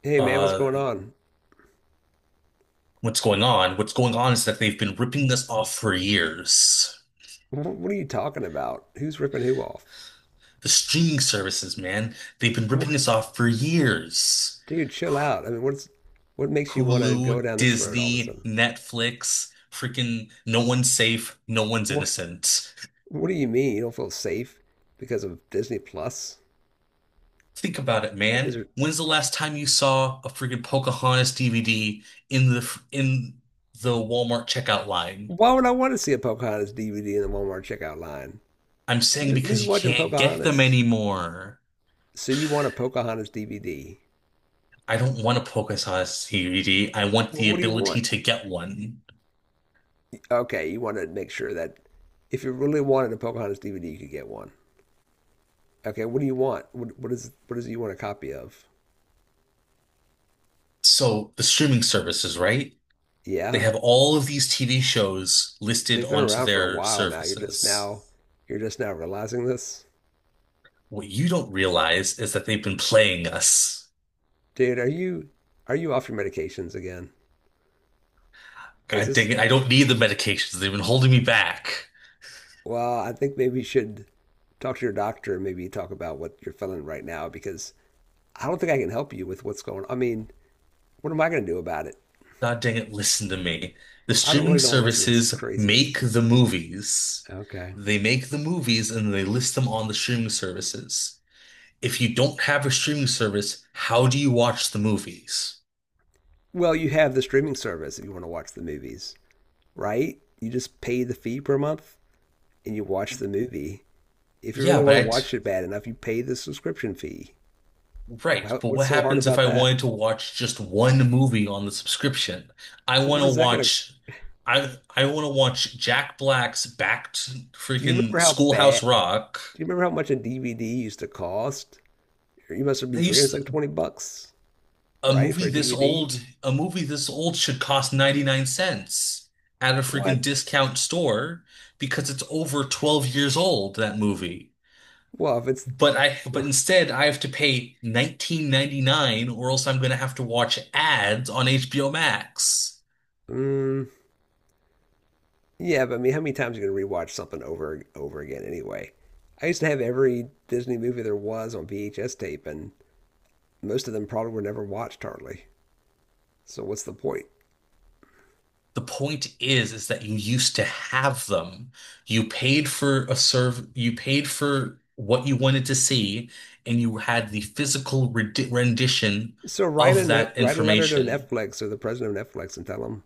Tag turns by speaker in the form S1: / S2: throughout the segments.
S1: Hey man, what's
S2: uh,
S1: going on?
S2: what's going on? What's going on is that they've been ripping us off for years.
S1: What are you talking about? Who's ripping who off?
S2: The streaming services, man, they've been ripping
S1: What?
S2: us off for years.
S1: Dude, chill out. I mean, what's what makes you want to go
S2: Hulu,
S1: down this road all of a
S2: Disney,
S1: sudden?
S2: Netflix, freaking no one's safe, no one's
S1: What?
S2: innocent.
S1: What do you mean you don't feel safe because of Disney Plus?
S2: Think about it,
S1: Is
S2: man.
S1: there,
S2: When's the last time you saw a freaking Pocahontas DVD in the Walmart checkout line?
S1: why would I want to see a Pocahontas DVD in the Walmart checkout line?
S2: I'm saying
S1: Who's
S2: because you
S1: watching
S2: can't get them
S1: Pocahontas?
S2: anymore.
S1: So you want a Pocahontas DVD?
S2: I don't want to focus on a PokéSauce CBD. I want
S1: Well,
S2: the
S1: what do you
S2: ability
S1: want?
S2: to get one.
S1: Okay, you want to make sure that if you really wanted a Pocahontas DVD, you could get one. Okay, what do you want? What is what is it you want a copy of?
S2: So the streaming services, right? They
S1: Yeah,
S2: have all of these TV shows listed
S1: they've been
S2: onto
S1: around for a
S2: their
S1: while now.
S2: services.
S1: You're just now realizing this.
S2: What you don't realize is that they've been playing us.
S1: Dude, are you off your medications again? Is
S2: God
S1: this
S2: dang it, I don't need the medications. They've been holding me back.
S1: well, I think maybe you should talk to your doctor and maybe talk about what you're feeling right now because I don't think I can help you with what's going on. I mean, what am I going to do about it?
S2: God dang it, listen to me. The
S1: I don't
S2: streaming
S1: really don't want to listen to this
S2: services make
S1: craziness.
S2: the movies.
S1: Okay.
S2: They make the movies and they list them on the streaming services. If you don't have a streaming service, how do you watch the movies?
S1: Well, you have the streaming service if you want to watch the movies, right? You just pay the fee per month and you watch the movie. If you
S2: Yeah,
S1: really
S2: but
S1: want to
S2: I t
S1: watch it bad enough, you pay the subscription fee.
S2: right.
S1: How,
S2: But
S1: what's
S2: what
S1: so hard
S2: happens if
S1: about
S2: I
S1: that?
S2: wanted to watch just one movie on the subscription? I want to
S1: What is that gonna?
S2: watch. I want to watch Jack Black's Back to
S1: Do you remember
S2: freaking
S1: how
S2: Schoolhouse
S1: bad?
S2: Rock.
S1: Do you remember how much a DVD used to cost? You must be
S2: They
S1: forgetting. It's like
S2: used
S1: 20 bucks,
S2: A
S1: right,
S2: movie
S1: for a
S2: this
S1: DVD?
S2: old, a movie this old should cost 99¢ at a freaking
S1: What?
S2: discount store because it's over 12 years old, that movie.
S1: Well, if it's,
S2: But instead I have to pay 19.99 or else I'm going to have to watch ads on HBO Max.
S1: mm, yeah, but I mean, how many times are you gonna rewatch something over and over again anyway? I used to have every Disney movie there was on VHS tape, and most of them probably were never watched hardly. So what's the point?
S2: The point is that you used to have them. You paid for a serve, you paid for what you wanted to see, and you had the physical rendition
S1: So write a
S2: of
S1: note,
S2: that
S1: write a letter to
S2: information.
S1: Netflix or the president of Netflix, and tell them.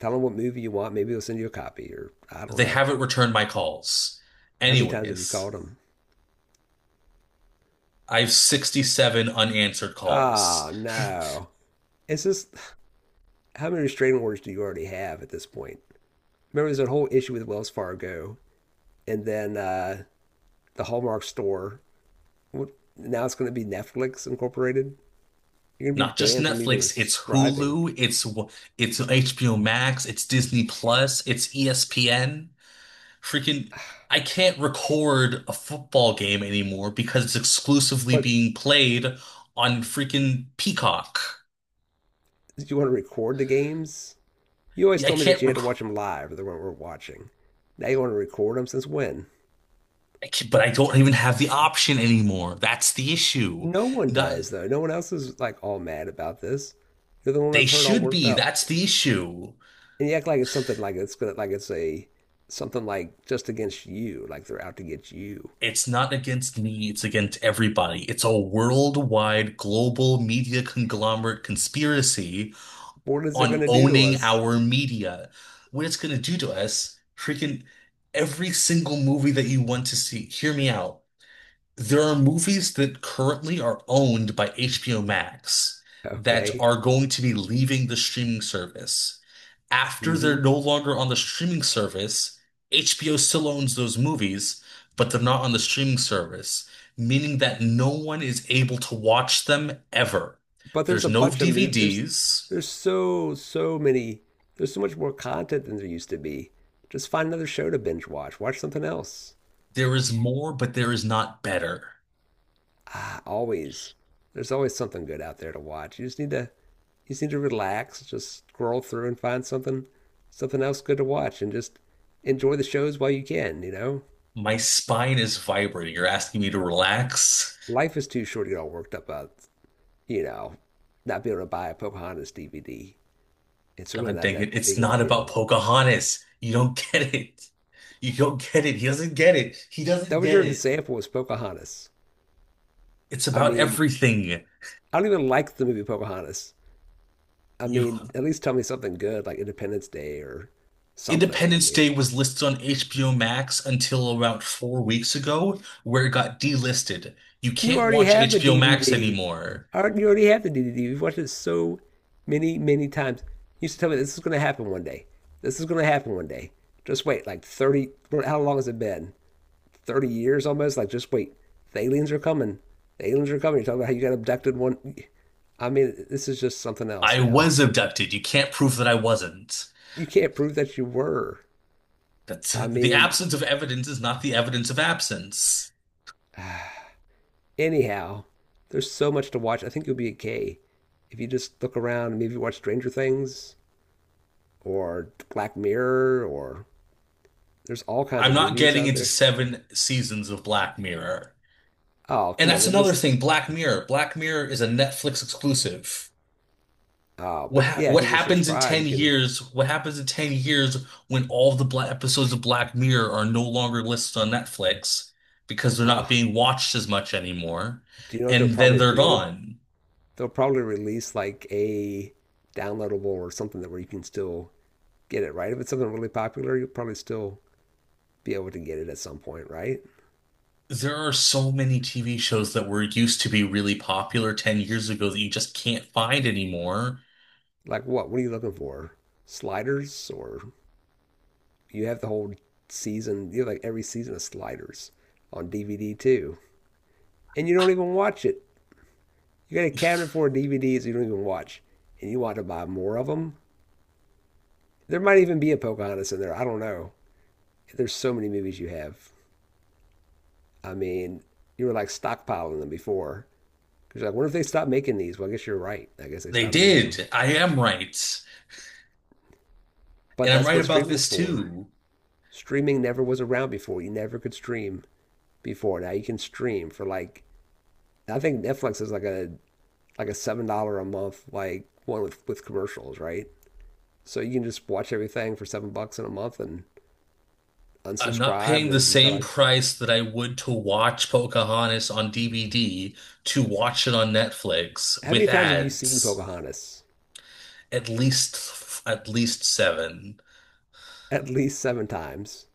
S1: Tell them what movie you want. Maybe they'll send you a copy, or I don't
S2: They
S1: know.
S2: haven't returned my calls.
S1: How many times have you
S2: Anyways,
S1: called them?
S2: I have 67 unanswered
S1: Ah,
S2: calls.
S1: oh, no. It's just how many restraining orders do you already have at this point? Remember, there's a whole issue with Wells Fargo, and then the Hallmark store. What, now it's going to be Netflix Incorporated. You're going to
S2: Not
S1: be
S2: just
S1: banned from even
S2: Netflix, it's
S1: subscribing.
S2: Hulu, it's w- it's HBO Max, it's Disney Plus, it's ESPN. Freaking, I can't record a football game anymore because it's exclusively
S1: But
S2: being played on freaking Peacock.
S1: did you want to record the games? You always
S2: Yeah, I
S1: told me that
S2: can't
S1: you had to
S2: record,
S1: watch them live, or they weren't worth watching. Now you want to record them since when?
S2: I can't, But I don't even have the option anymore. That's the issue.
S1: No one
S2: That
S1: does, though. No one else is like all mad about this. You're the one
S2: They
S1: I've heard all
S2: should
S1: worked
S2: be.
S1: up.
S2: That's the issue.
S1: And you act like it's something like it's gonna like it's a something like just against you, like they're out to get you.
S2: It's not against me, it's against everybody. It's a worldwide global media conglomerate conspiracy
S1: What is it
S2: on
S1: gonna do to
S2: owning
S1: us?
S2: our media. What it's gonna do to us, freaking every single movie that you want to see. Hear me out. There are movies that currently are owned by HBO Max that
S1: Okay.
S2: are going to be leaving the streaming service. After
S1: Hmm.
S2: they're no longer on the streaming service, HBO still owns those movies, but they're not on the streaming service, meaning that no one is able to watch them ever.
S1: But there's
S2: There's
S1: a
S2: no
S1: bunch of movies. There's
S2: DVDs.
S1: there's so many. There's so much more content than there used to be. Just find another show to binge watch. Watch something else.
S2: There is more, but there is not better.
S1: Ah, always. There's always something good out there to watch. You just need to relax, just scroll through and find something else good to watch and just enjoy the shows while you can, you know?
S2: My spine is vibrating. You're asking me to relax?
S1: Life is too short to get all worked up about, you know, not being able to buy a Pocahontas DVD. It's really
S2: God
S1: not
S2: dang
S1: that
S2: it. It's
S1: big of a
S2: not about
S1: deal.
S2: Pocahontas. You don't get it. You don't get it. He doesn't get it. He doesn't
S1: That was
S2: get
S1: your
S2: it.
S1: example was Pocahontas.
S2: It's
S1: I
S2: about
S1: mean,
S2: everything.
S1: I don't even like the movie Pocahontas. I
S2: You
S1: mean, at least tell me something good like Independence Day or something. I
S2: Independence
S1: mean,
S2: Day was listed on HBO Max until about 4 weeks ago, where it got delisted. You
S1: you
S2: can't
S1: already
S2: watch
S1: have the
S2: HBO Max
S1: DVD.
S2: anymore.
S1: You already have the DVD. You've watched it so many, many times. You used to tell me this is going to happen one day. This is going to happen one day. Just wait, like 30, well, how long has it been? 30 years almost? Like, just wait. The aliens are coming. The aliens are coming. You're talking about how you got abducted one. I mean, this is just something else
S2: I
S1: now.
S2: was abducted. You can't prove that I wasn't.
S1: You can't prove that you were.
S2: That's
S1: I
S2: the
S1: mean,
S2: absence of evidence is not the evidence of absence.
S1: anyhow, there's so much to watch. I think you'll be okay if you just look around and maybe watch Stranger Things or Black Mirror or there's all kinds
S2: I'm
S1: of
S2: not
S1: movies
S2: getting
S1: out
S2: into
S1: there.
S2: seven seasons of Black Mirror.
S1: Oh,
S2: And
S1: come on,
S2: that's
S1: they're
S2: another
S1: just
S2: thing, Black Mirror. Black Mirror is a Netflix exclusive.
S1: oh,
S2: What
S1: but
S2: ha
S1: yeah, if
S2: what
S1: you just
S2: happens in
S1: subscribe,
S2: 10
S1: you can.
S2: years? What happens in 10 years when all the black episodes of Black Mirror are no longer listed on Netflix because they're not
S1: Oh,
S2: being watched as much anymore,
S1: do you know what they'll
S2: and then
S1: probably
S2: they're
S1: do?
S2: gone.
S1: They'll probably release like a downloadable or something that where you can still get it, right? If it's something really popular, you'll probably still be able to get it at some point, right?
S2: There are so many TV shows that were used to be really popular 10 years ago that you just can't find anymore.
S1: Like what? What are you looking for? Sliders or you have the whole season, you have like every season of Sliders on DVD too. And you don't even watch it. You got a cabinet full of DVDs you don't even watch, and you want to buy more of them. There might even be a Pocahontas in there. I don't know. There's so many movies you have. I mean, you were like stockpiling them before because you're like, what if they stop making these? Well, I guess you're right. I guess they
S2: They
S1: stopped making them.
S2: did. I am right.
S1: But
S2: And I'm
S1: that's
S2: right
S1: what
S2: about
S1: streaming's
S2: this
S1: for.
S2: too.
S1: Streaming never was around before. You never could stream before. Now you can stream for like I think Netflix is like a $7 a month like one with commercials, right? So you can just watch everything for 7 bucks in a month and
S2: I'm not
S1: unsubscribe.
S2: paying
S1: Then
S2: the
S1: if you feel
S2: same
S1: like,
S2: price that I would to watch Pocahontas on DVD to watch it on Netflix
S1: how many
S2: with
S1: times have you seen
S2: ads.
S1: Pocahontas?
S2: At least seven.
S1: At least seven times.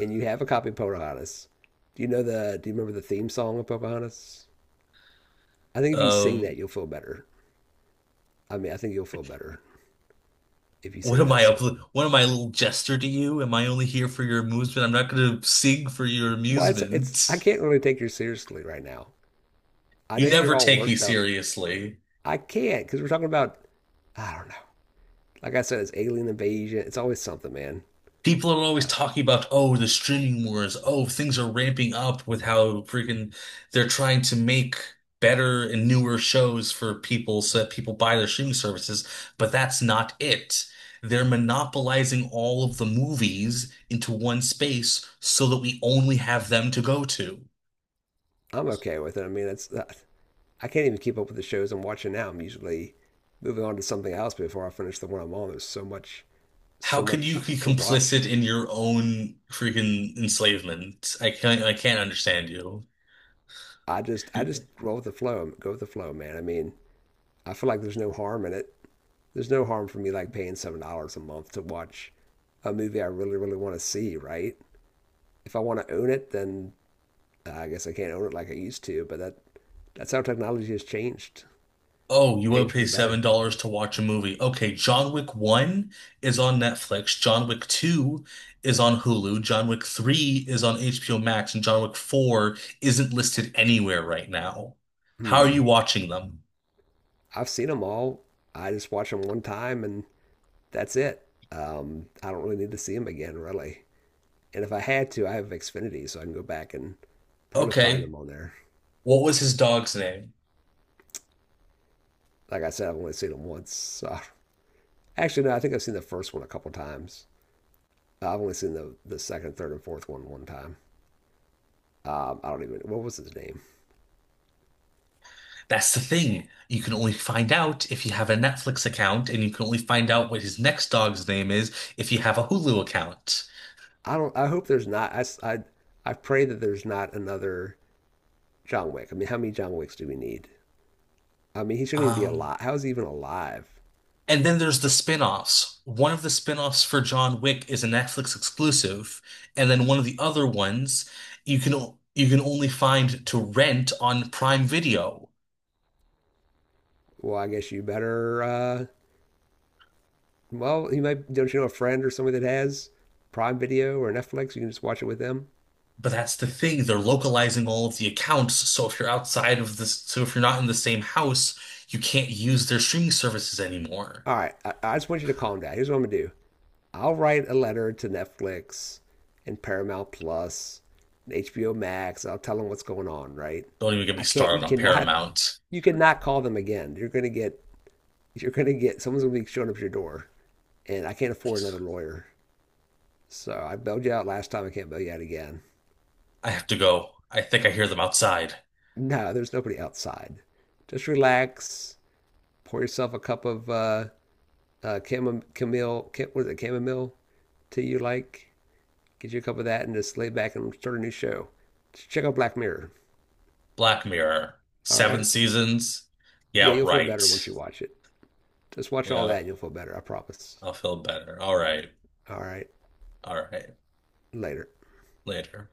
S1: And you have a copy of Pocahontas. Do you know the? Do you remember the theme song of Pocahontas? I think if you sing
S2: Um,
S1: that, you'll feel better. I mean, I think you'll feel better if you
S2: what
S1: sing
S2: am
S1: that
S2: I up?
S1: song.
S2: What am I, a little jester to you? Am I only here for your amusement? I'm not going to sing for your
S1: Well, it's it's. I
S2: amusement.
S1: can't really take you seriously right now. I
S2: You
S1: know you're
S2: never
S1: all
S2: take me
S1: worked up.
S2: seriously.
S1: I can't because we're talking about. I don't know. Like I said, it's alien invasion. It's always something, man.
S2: People are always
S1: Uh,
S2: talking about, oh, the streaming wars. Oh, things are ramping up with how freaking they're trying to make better and newer shows for people so that people buy their streaming services. But that's not it. They're monopolizing all of the movies into one space so that we only have them to go to.
S1: I'm okay with it. I mean, it's. I can't even keep up with the shows I'm watching now. I'm usually moving on to something else before I finish the one I'm on. There's so much,
S2: How
S1: so
S2: can you
S1: much
S2: be
S1: to watch.
S2: complicit in your own freaking enslavement? I can't understand you.
S1: I just roll with the flow. Go with the flow, man. I mean, I feel like there's no harm in it. There's no harm for me like paying $7 a month to watch a movie I really, really want to see. Right? If I want to own it, then I guess I can't own it like I used to. That's how technology has changed.
S2: Oh,
S1: It's
S2: you would
S1: changed for
S2: pay
S1: the
S2: seven
S1: better.
S2: dollars to watch a movie. Okay, John Wick 1 is on Netflix, John Wick 2 is on Hulu, John Wick 3 is on HBO Max, and John Wick 4 isn't listed anywhere right now. How are
S1: Hmm.
S2: you watching them?
S1: I've seen them all. I just watch them one time and that's it. I don't really need to see them again, really. And if I had to, I have Xfinity, so I can go back and probably find
S2: Okay,
S1: them on there.
S2: what was his dog's name?
S1: Like I said, I've only seen them once. So. Actually, no, I think I've seen the first one a couple times. I've only seen the second, third, and fourth one one time. I don't even what was his name.
S2: That's the thing. You can only find out if you have a Netflix account, and you can only find out what his next dog's name is if you have a Hulu account.
S1: I don't. I hope there's not. I pray that there's not another John Wick. I mean, how many John Wicks do we need? I mean, he shouldn't even be
S2: Um,
S1: alive. How is he even alive?
S2: And then there's the spin-offs. One of the spin-offs for John Wick is a Netflix exclusive, and then one of the other ones you can only find to rent on Prime Video.
S1: Well, I guess you better well, you might don't you know a friend or somebody that has Prime Video or Netflix? You can just watch it with them.
S2: But that's the thing, they're localizing all of the accounts, so if you're outside of this, so if you're not in the same house, you can't use their streaming services anymore.
S1: All right, I just want you to calm down. Here's what I'm gonna do. I'll write a letter to Netflix and Paramount Plus and HBO Max. I'll tell them what's going on. Right?
S2: Don't even get me
S1: I can't.
S2: started
S1: You
S2: on
S1: cannot.
S2: Paramount.
S1: You cannot call them again. You're gonna get. You're gonna get. Someone's gonna be showing up at your door, and I can't afford another lawyer. So I bailed you out last time. I can't bail you out again.
S2: I have to go. I think I hear them outside.
S1: No, there's nobody outside. Just relax. Pour yourself a cup of chamomile, what is it, chamomile tea you like. Get you a cup of that and just lay back and start a new show. Check out Black Mirror.
S2: Black Mirror,
S1: All
S2: seven
S1: right.
S2: seasons.
S1: Yeah,
S2: Yeah,
S1: you'll feel better once
S2: right.
S1: you watch it. Just watch all that
S2: Yeah.
S1: and you'll feel better. I promise.
S2: I'll feel better. All right.
S1: All right.
S2: All right.
S1: Later.
S2: Later.